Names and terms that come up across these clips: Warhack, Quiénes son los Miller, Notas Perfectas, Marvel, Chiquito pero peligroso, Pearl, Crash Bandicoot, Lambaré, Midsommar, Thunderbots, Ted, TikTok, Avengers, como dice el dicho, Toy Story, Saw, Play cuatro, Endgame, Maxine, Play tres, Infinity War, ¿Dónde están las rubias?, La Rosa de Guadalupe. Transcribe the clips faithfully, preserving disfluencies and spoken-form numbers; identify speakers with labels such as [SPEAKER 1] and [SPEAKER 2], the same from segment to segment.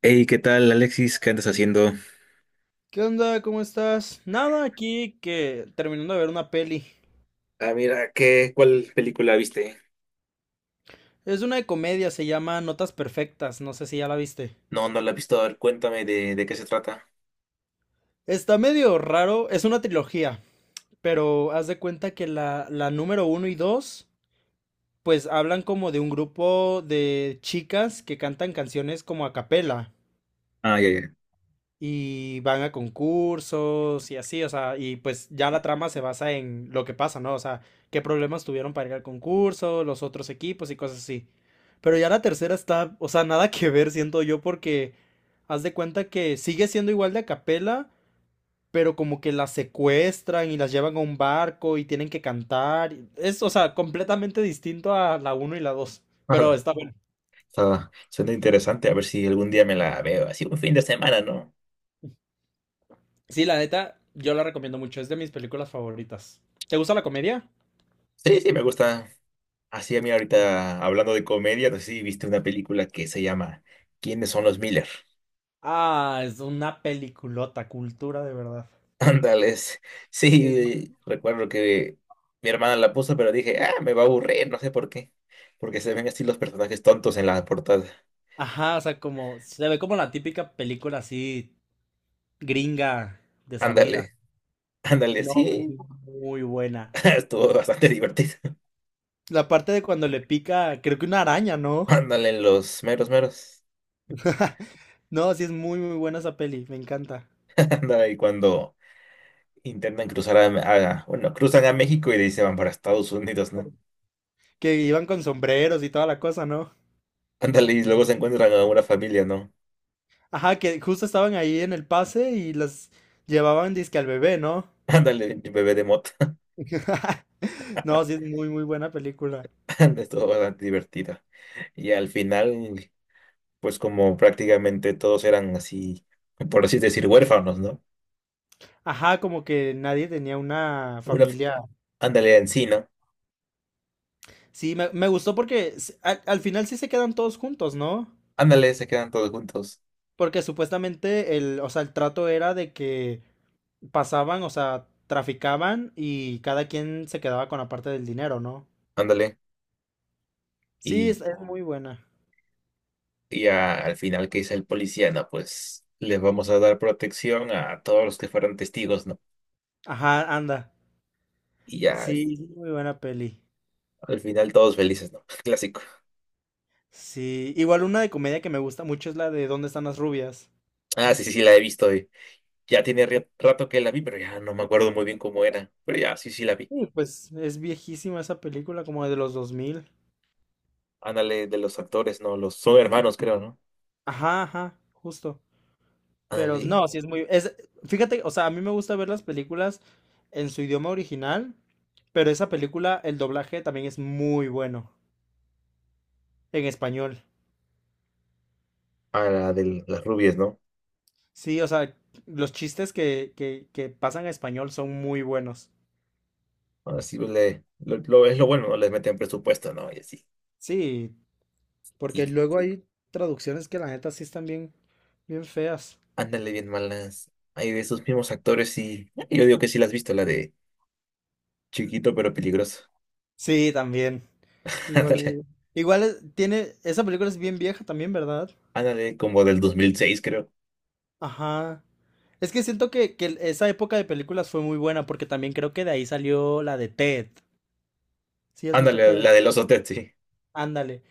[SPEAKER 1] Hey, ¿qué tal, Alexis? ¿Qué andas haciendo?
[SPEAKER 2] ¿Qué onda? ¿Cómo estás? Nada, aquí que terminando de ver una peli.
[SPEAKER 1] Ah, mira, ¿qué, ¿cuál película viste?
[SPEAKER 2] Es una de comedia, se llama Notas Perfectas, no sé si ya la viste.
[SPEAKER 1] No, no la he visto. A ver, cuéntame de, de qué se trata.
[SPEAKER 2] Está medio raro, es una trilogía, pero haz de cuenta que la, la número uno y dos, pues hablan como de un grupo de chicas que cantan canciones como a capela.
[SPEAKER 1] Ah, ya, ya.
[SPEAKER 2] Y van a concursos y así, o sea, y pues ya la trama se basa en lo que pasa, ¿no? O sea, qué problemas tuvieron para ir al concurso, los otros equipos y cosas así. Pero ya la tercera está, o sea, nada que ver, siento yo, porque haz de cuenta que sigue siendo igual de a capela, pero como que las secuestran y las llevan a un barco y tienen que cantar. Es, o sea, completamente distinto a la uno y la dos. Pero está bueno.
[SPEAKER 1] Está, suena interesante. A ver si algún día me la veo. Así un fin de semana, ¿no?
[SPEAKER 2] Sí, la neta, yo la recomiendo mucho. Es de mis películas favoritas. ¿Te gusta la comedia?
[SPEAKER 1] Sí, sí, me gusta. Así a mí ahorita, hablando de comedia, no sé si viste una película que se llama ¿Quiénes son los Miller?
[SPEAKER 2] Ah, es una peliculota, cultura de verdad.
[SPEAKER 1] Ándales.
[SPEAKER 2] Es-
[SPEAKER 1] Sí, recuerdo que mi hermana la puso, pero dije, ah, me va a aburrir, no sé por qué. Porque se ven así los personajes tontos en la portada.
[SPEAKER 2] Ajá, o sea, como se ve como la típica película así gringa, desabrida.
[SPEAKER 1] Ándale. Ándale,
[SPEAKER 2] No, pero es
[SPEAKER 1] sí.
[SPEAKER 2] muy buena.
[SPEAKER 1] Estuvo bastante divertido.
[SPEAKER 2] La parte de cuando le pica, creo que una araña, ¿no?
[SPEAKER 1] Ándale, los meros meros.
[SPEAKER 2] No, sí es muy muy buena esa peli, me encanta.
[SPEAKER 1] Ándale, cuando intentan cruzar a, a- bueno, cruzan a México y de ahí se van para Estados Unidos, ¿no?
[SPEAKER 2] Que iban con sombreros y toda la cosa, ¿no?
[SPEAKER 1] Ándale, y luego se encuentran a una familia, ¿no?
[SPEAKER 2] Ajá, que justo estaban ahí en el pase y las llevaban disque al bebé, ¿no?
[SPEAKER 1] Ándale, bebé de mota.
[SPEAKER 2] No, sí es muy muy buena película.
[SPEAKER 1] Ándale, estuvo bastante divertida. Y al final, pues como prácticamente todos eran así, por así decir, huérfanos, ¿no?
[SPEAKER 2] Ajá, como que nadie tenía una
[SPEAKER 1] Una,
[SPEAKER 2] familia.
[SPEAKER 1] ándale, en sí, ¿no?
[SPEAKER 2] Sí, me, me gustó porque s- al, al final sí se quedan todos juntos, ¿no?
[SPEAKER 1] Ándale, se quedan todos juntos.
[SPEAKER 2] Porque supuestamente el, o sea, el trato era de que pasaban, o sea, traficaban y cada quien se quedaba con la parte del dinero, ¿no?
[SPEAKER 1] Ándale.
[SPEAKER 2] Sí,
[SPEAKER 1] Y
[SPEAKER 2] es, es muy buena.
[SPEAKER 1] Y a- al final, ¿qué dice el policía? No, pues les vamos a dar protección a todos los que fueron testigos, ¿no?
[SPEAKER 2] Ajá, anda.
[SPEAKER 1] Y ya al,
[SPEAKER 2] Sí, es muy buena peli.
[SPEAKER 1] al final todos felices, ¿no? Clásico.
[SPEAKER 2] Sí, igual una de comedia que me gusta mucho es la de ¿Dónde están las rubias?
[SPEAKER 1] Ah, sí, sí, sí, la he visto, eh. Ya tiene ri- rato que la vi, pero ya no me acuerdo muy bien cómo era. Pero ya, sí, sí, la vi.
[SPEAKER 2] Sí, pues es viejísima esa película, como de los dos mil.
[SPEAKER 1] Ándale, de los actores, ¿no? Los son hermanos, creo, ¿no?
[SPEAKER 2] Ajá, ajá, justo. Pero
[SPEAKER 1] Ándale,
[SPEAKER 2] no, sí, es muy... Es, fíjate, o sea, a mí me gusta ver las películas en su idioma original, pero esa película, el doblaje también es muy bueno en español.
[SPEAKER 1] a la de las rubias, ¿no?
[SPEAKER 2] Sí, o sea, los chistes que, que, que pasan a español son muy buenos.
[SPEAKER 1] Así le, lo, lo- es lo bueno, ¿no? Les meten presupuesto, ¿no? Y así.
[SPEAKER 2] Sí,
[SPEAKER 1] Y
[SPEAKER 2] porque luego hay traducciones que la neta sí están bien, bien feas.
[SPEAKER 1] ándale, bien malas. Hay de esos mismos actores y yo digo que sí la has visto, la de Chiquito pero peligroso.
[SPEAKER 2] Sí, también.
[SPEAKER 1] Ándale,
[SPEAKER 2] Igual, igual es- tiene, esa película es bien vieja también, ¿verdad?
[SPEAKER 1] ándale, como del dos mil seis, creo.
[SPEAKER 2] Ajá. Es que siento que, que esa época de películas fue muy buena porque también creo que de ahí salió la de Ted. ¿Sí has visto
[SPEAKER 1] Ándale, la
[SPEAKER 2] Ted?
[SPEAKER 1] del oso Ted, sí.
[SPEAKER 2] Ándale.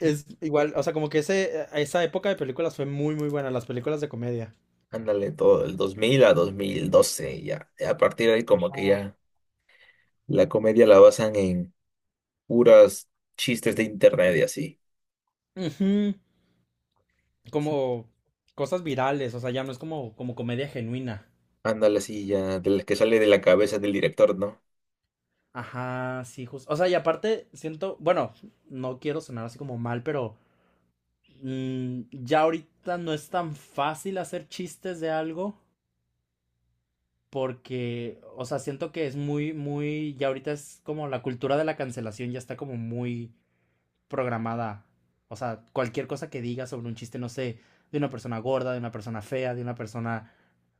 [SPEAKER 2] Es igual, o sea, como que ese, esa época de películas fue muy, muy buena, las películas de comedia.
[SPEAKER 1] Ándale, todo del dos mil a dos mil doce, ya. A partir de ahí, como que ya la comedia la basan en puras chistes de internet y así.
[SPEAKER 2] Ujú.
[SPEAKER 1] Sí.
[SPEAKER 2] Como cosas virales, o sea, ya no es como, como comedia genuina.
[SPEAKER 1] Ándale, sí, ya, de las que sale de la cabeza del director, ¿no?
[SPEAKER 2] Ajá, sí, justo. O sea, y aparte siento, bueno, no quiero sonar así como mal, pero mm, ya ahorita no es tan fácil hacer chistes de algo. Porque, o sea, siento que es muy, muy, ya ahorita es como la cultura de la cancelación ya está como muy programada. O sea, cualquier cosa que diga sobre un chiste, no sé, de una persona gorda, de una persona fea, de una persona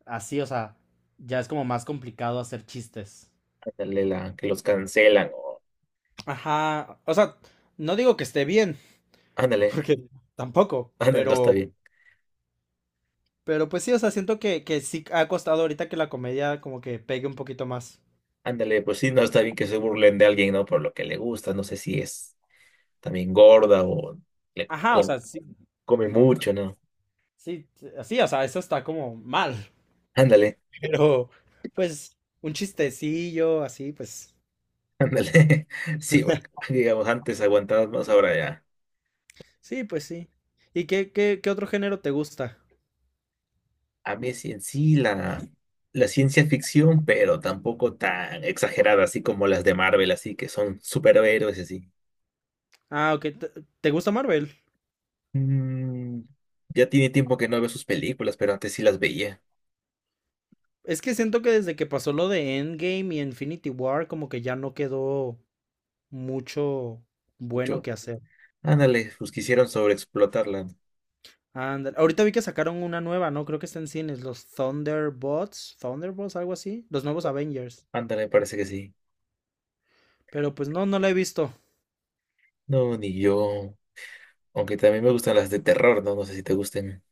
[SPEAKER 2] así, o sea, ya es como más complicado hacer chistes.
[SPEAKER 1] Ándale, la que los cancelan o.
[SPEAKER 2] Ajá, o sea, no digo que esté bien,
[SPEAKER 1] Ándale,
[SPEAKER 2] porque tampoco,
[SPEAKER 1] ándale, no está
[SPEAKER 2] pero,
[SPEAKER 1] bien.
[SPEAKER 2] pero pues sí, o sea, siento que, que sí ha costado ahorita que la comedia como que pegue un poquito más.
[SPEAKER 1] Ándale, pues sí, no está bien que se burlen de alguien, ¿no? Por lo que le gusta, no sé si es también gorda o le
[SPEAKER 2] Ajá, o
[SPEAKER 1] com-
[SPEAKER 2] sea, sí,
[SPEAKER 1] come
[SPEAKER 2] no, no,
[SPEAKER 1] mucho, ¿no?
[SPEAKER 2] sí, así, o sea, eso está como mal,
[SPEAKER 1] Ándale.
[SPEAKER 2] pero pues un chistecillo, así, pues.
[SPEAKER 1] Ándale. Sí, porque, digamos, antes aguantabas más, ahora ya.
[SPEAKER 2] Sí, pues sí. ¿Y qué, qué, qué otro género te gusta?
[SPEAKER 1] A mí sí en sí la, la ciencia ficción, pero tampoco tan exagerada, así como las de Marvel, así que son superhéroes y así.
[SPEAKER 2] Ah, ok, ¿te, te gusta Marvel?
[SPEAKER 1] Mm, ya tiene tiempo que no veo sus películas, pero antes sí las veía
[SPEAKER 2] Es que siento que desde que pasó lo de Endgame y Infinity War, como que ya no quedó mucho bueno
[SPEAKER 1] mucho.
[SPEAKER 2] que hacer.
[SPEAKER 1] Ándale, pues quisieron sobreexplotarla.
[SPEAKER 2] Ándale. Ahorita vi que sacaron una nueva, ¿no? Creo que está en cines, los Thunderbots, Thunderbots, algo así, los nuevos Avengers.
[SPEAKER 1] Ándale, parece que sí.
[SPEAKER 2] Pero pues no, no la he visto.
[SPEAKER 1] No, ni yo. Aunque también me gustan las de terror, ¿no? No sé si te gusten.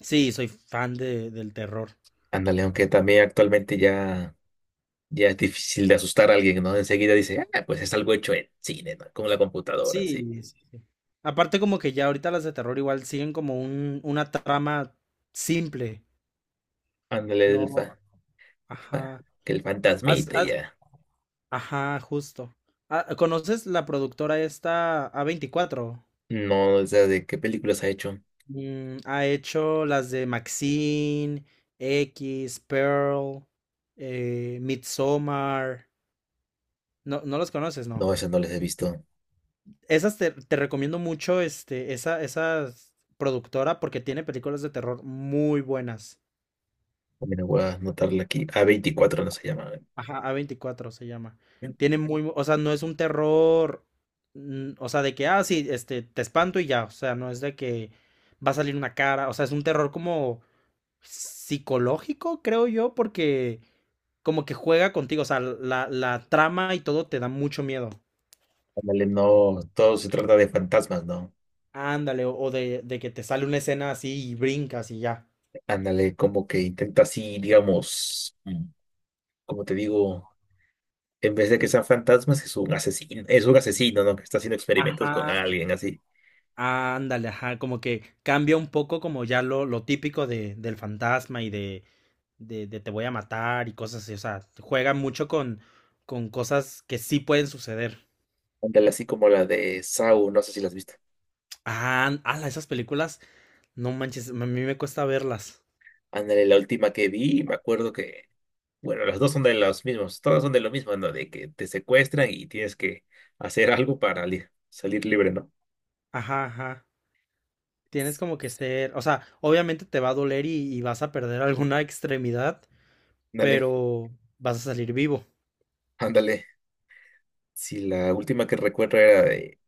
[SPEAKER 2] Sí, soy fan de, del terror.
[SPEAKER 1] Ándale, aunque también actualmente ya. Ya es difícil de asustar a alguien, ¿no? Enseguida dice, ah, pues es algo hecho en cine, ¿no? Como la computadora, sí.
[SPEAKER 2] Sí, sí, sí. Aparte como que ya ahorita las de terror igual siguen como un, una trama simple,
[SPEAKER 1] Ándale, el fa-
[SPEAKER 2] ¿no?
[SPEAKER 1] el fa-
[SPEAKER 2] Ajá.
[SPEAKER 1] que el
[SPEAKER 2] Haz-
[SPEAKER 1] fantasmita y
[SPEAKER 2] haz-
[SPEAKER 1] ya.
[SPEAKER 2] ajá, justo. Ah, ¿conoces la productora esta a veinticuatro?
[SPEAKER 1] No, o sea, ¿de qué películas ha hecho?
[SPEAKER 2] Mm, ha hecho las de Maxine, X, Pearl, eh, Midsommar. No, no los conoces, ¿no?
[SPEAKER 1] No, esas no las he visto.
[SPEAKER 2] Esas te, te recomiendo mucho, este, esa, esa productora porque tiene películas de terror muy buenas.
[SPEAKER 1] Mira, voy a anotarla aquí. a veinticuatro no se llama.
[SPEAKER 2] Ajá, a veinticuatro se llama. Tiene muy, o sea, no es un terror, mm, o sea, de que, ah, sí, este, te espanto y ya, o sea, no es de que va a salir una cara, o sea, es un terror como psicológico, creo yo, porque como que juega contigo, o sea, la, la trama y todo te da mucho miedo.
[SPEAKER 1] Ándale, no, todo se trata de fantasmas, ¿no?
[SPEAKER 2] Ándale, o, o de, de, que te sale una escena así y brincas y ya.
[SPEAKER 1] Ándale, como que intenta así, digamos, mm, como te digo, en vez de que sean fantasmas, es un asesino, es un asesino, ¿no? Que está haciendo experimentos con
[SPEAKER 2] Ajá.
[SPEAKER 1] alguien, así.
[SPEAKER 2] Ándale, ajá, como que cambia un poco como ya lo, lo típico de, del fantasma y de, de, de te voy a matar y cosas así, o sea, juega mucho con, con cosas que sí pueden suceder.
[SPEAKER 1] Ándale, así como la de Saw, no sé si la has visto.
[SPEAKER 2] Ah, ala, esas películas, no manches, a mí me cuesta verlas.
[SPEAKER 1] Ándale, la última que vi, me acuerdo que, bueno, las dos son de los mismos, todas son de lo mismo, ¿no? De que te secuestran y tienes que hacer algo para li- salir libre, ¿no?
[SPEAKER 2] Ajá, ajá. Tienes como que ser, o sea, obviamente te va a doler y, y vas a perder alguna extremidad,
[SPEAKER 1] Ándale,
[SPEAKER 2] pero vas a salir vivo.
[SPEAKER 1] ándale. Si la última que recuerdo era de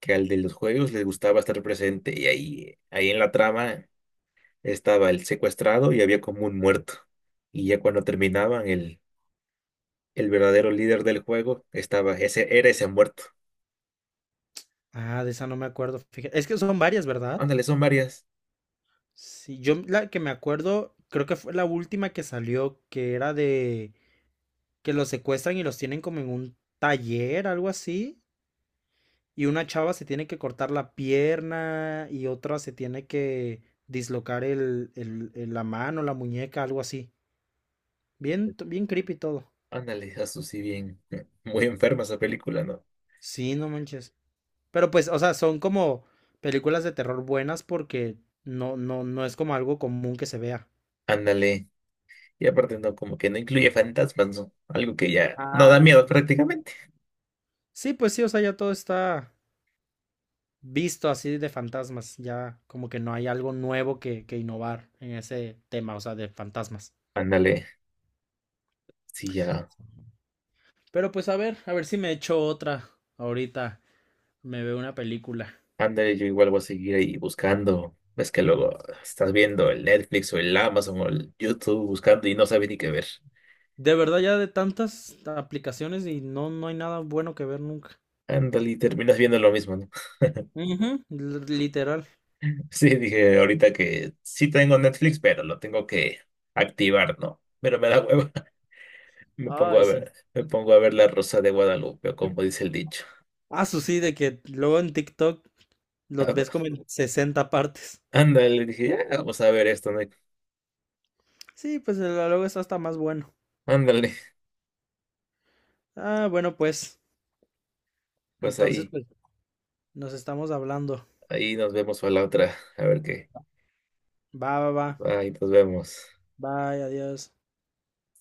[SPEAKER 1] que al de los juegos les gustaba estar presente y ahí, ahí en la trama estaba el secuestrado y había como un muerto. Y ya cuando terminaban, el, el verdadero líder del juego estaba, ese, era ese muerto.
[SPEAKER 2] Ah, de esa no me acuerdo, fíjate. Es que son varias, ¿verdad?
[SPEAKER 1] Ándale, son varias.
[SPEAKER 2] Sí, yo la que me acuerdo, creo que fue la última que salió, que era de que los secuestran y los tienen como en un taller, algo así, y una chava se tiene que cortar la pierna y otra se tiene que dislocar el, el- el- la mano, la muñeca, algo así. Bien, t- bien creepy todo.
[SPEAKER 1] Ándale, eso sí, bien. Muy enferma esa película, ¿no?
[SPEAKER 2] Sí, no manches. Pero pues, o sea, son como películas de terror buenas porque no, no, no es como algo común que se vea.
[SPEAKER 1] Ándale. Y aparte, no, como que no incluye fantasmas, ¿no? Algo que ya no da miedo
[SPEAKER 2] Ándale.
[SPEAKER 1] prácticamente.
[SPEAKER 2] Sí, pues sí, o sea, ya todo está visto así de fantasmas. Ya como que no hay algo nuevo que, que innovar en ese tema, o sea, de fantasmas.
[SPEAKER 1] Ándale, sí, ya.
[SPEAKER 2] Pero pues a ver, a ver si me echo otra ahorita. Me veo una película.
[SPEAKER 1] Ándale, yo igual voy a seguir ahí buscando. Ves que luego estás viendo el Netflix o el Amazon o el YouTube buscando y no sabes ni qué ver.
[SPEAKER 2] De verdad, ya de tantas aplicaciones y no, no hay nada bueno que ver nunca.
[SPEAKER 1] Ándale, y terminas viendo lo mismo, ¿no?
[SPEAKER 2] Ujú, l- literal.
[SPEAKER 1] Sí, dije ahorita que sí tengo Netflix, pero lo tengo que activar, ¿no? Pero me da hueva. Me pongo
[SPEAKER 2] Ay,
[SPEAKER 1] a
[SPEAKER 2] sí.
[SPEAKER 1] ver, me pongo a ver La Rosa de Guadalupe, o como dice el dicho.
[SPEAKER 2] Ah, su sí, de que luego en TikTok los
[SPEAKER 1] Ah,
[SPEAKER 2] ves
[SPEAKER 1] va.
[SPEAKER 2] como en sesenta partes.
[SPEAKER 1] Ándale, dije, ya, vamos a ver esto, ¿no?
[SPEAKER 2] Sí, pues el luego está hasta más bueno.
[SPEAKER 1] Ándale,
[SPEAKER 2] Ah, bueno, pues.
[SPEAKER 1] pues
[SPEAKER 2] Entonces,
[SPEAKER 1] ahí,
[SPEAKER 2] pues, nos estamos hablando.
[SPEAKER 1] ahí nos vemos para la otra, a ver qué.
[SPEAKER 2] Va, va, va.
[SPEAKER 1] Ahí nos vemos.
[SPEAKER 2] Bye, adiós.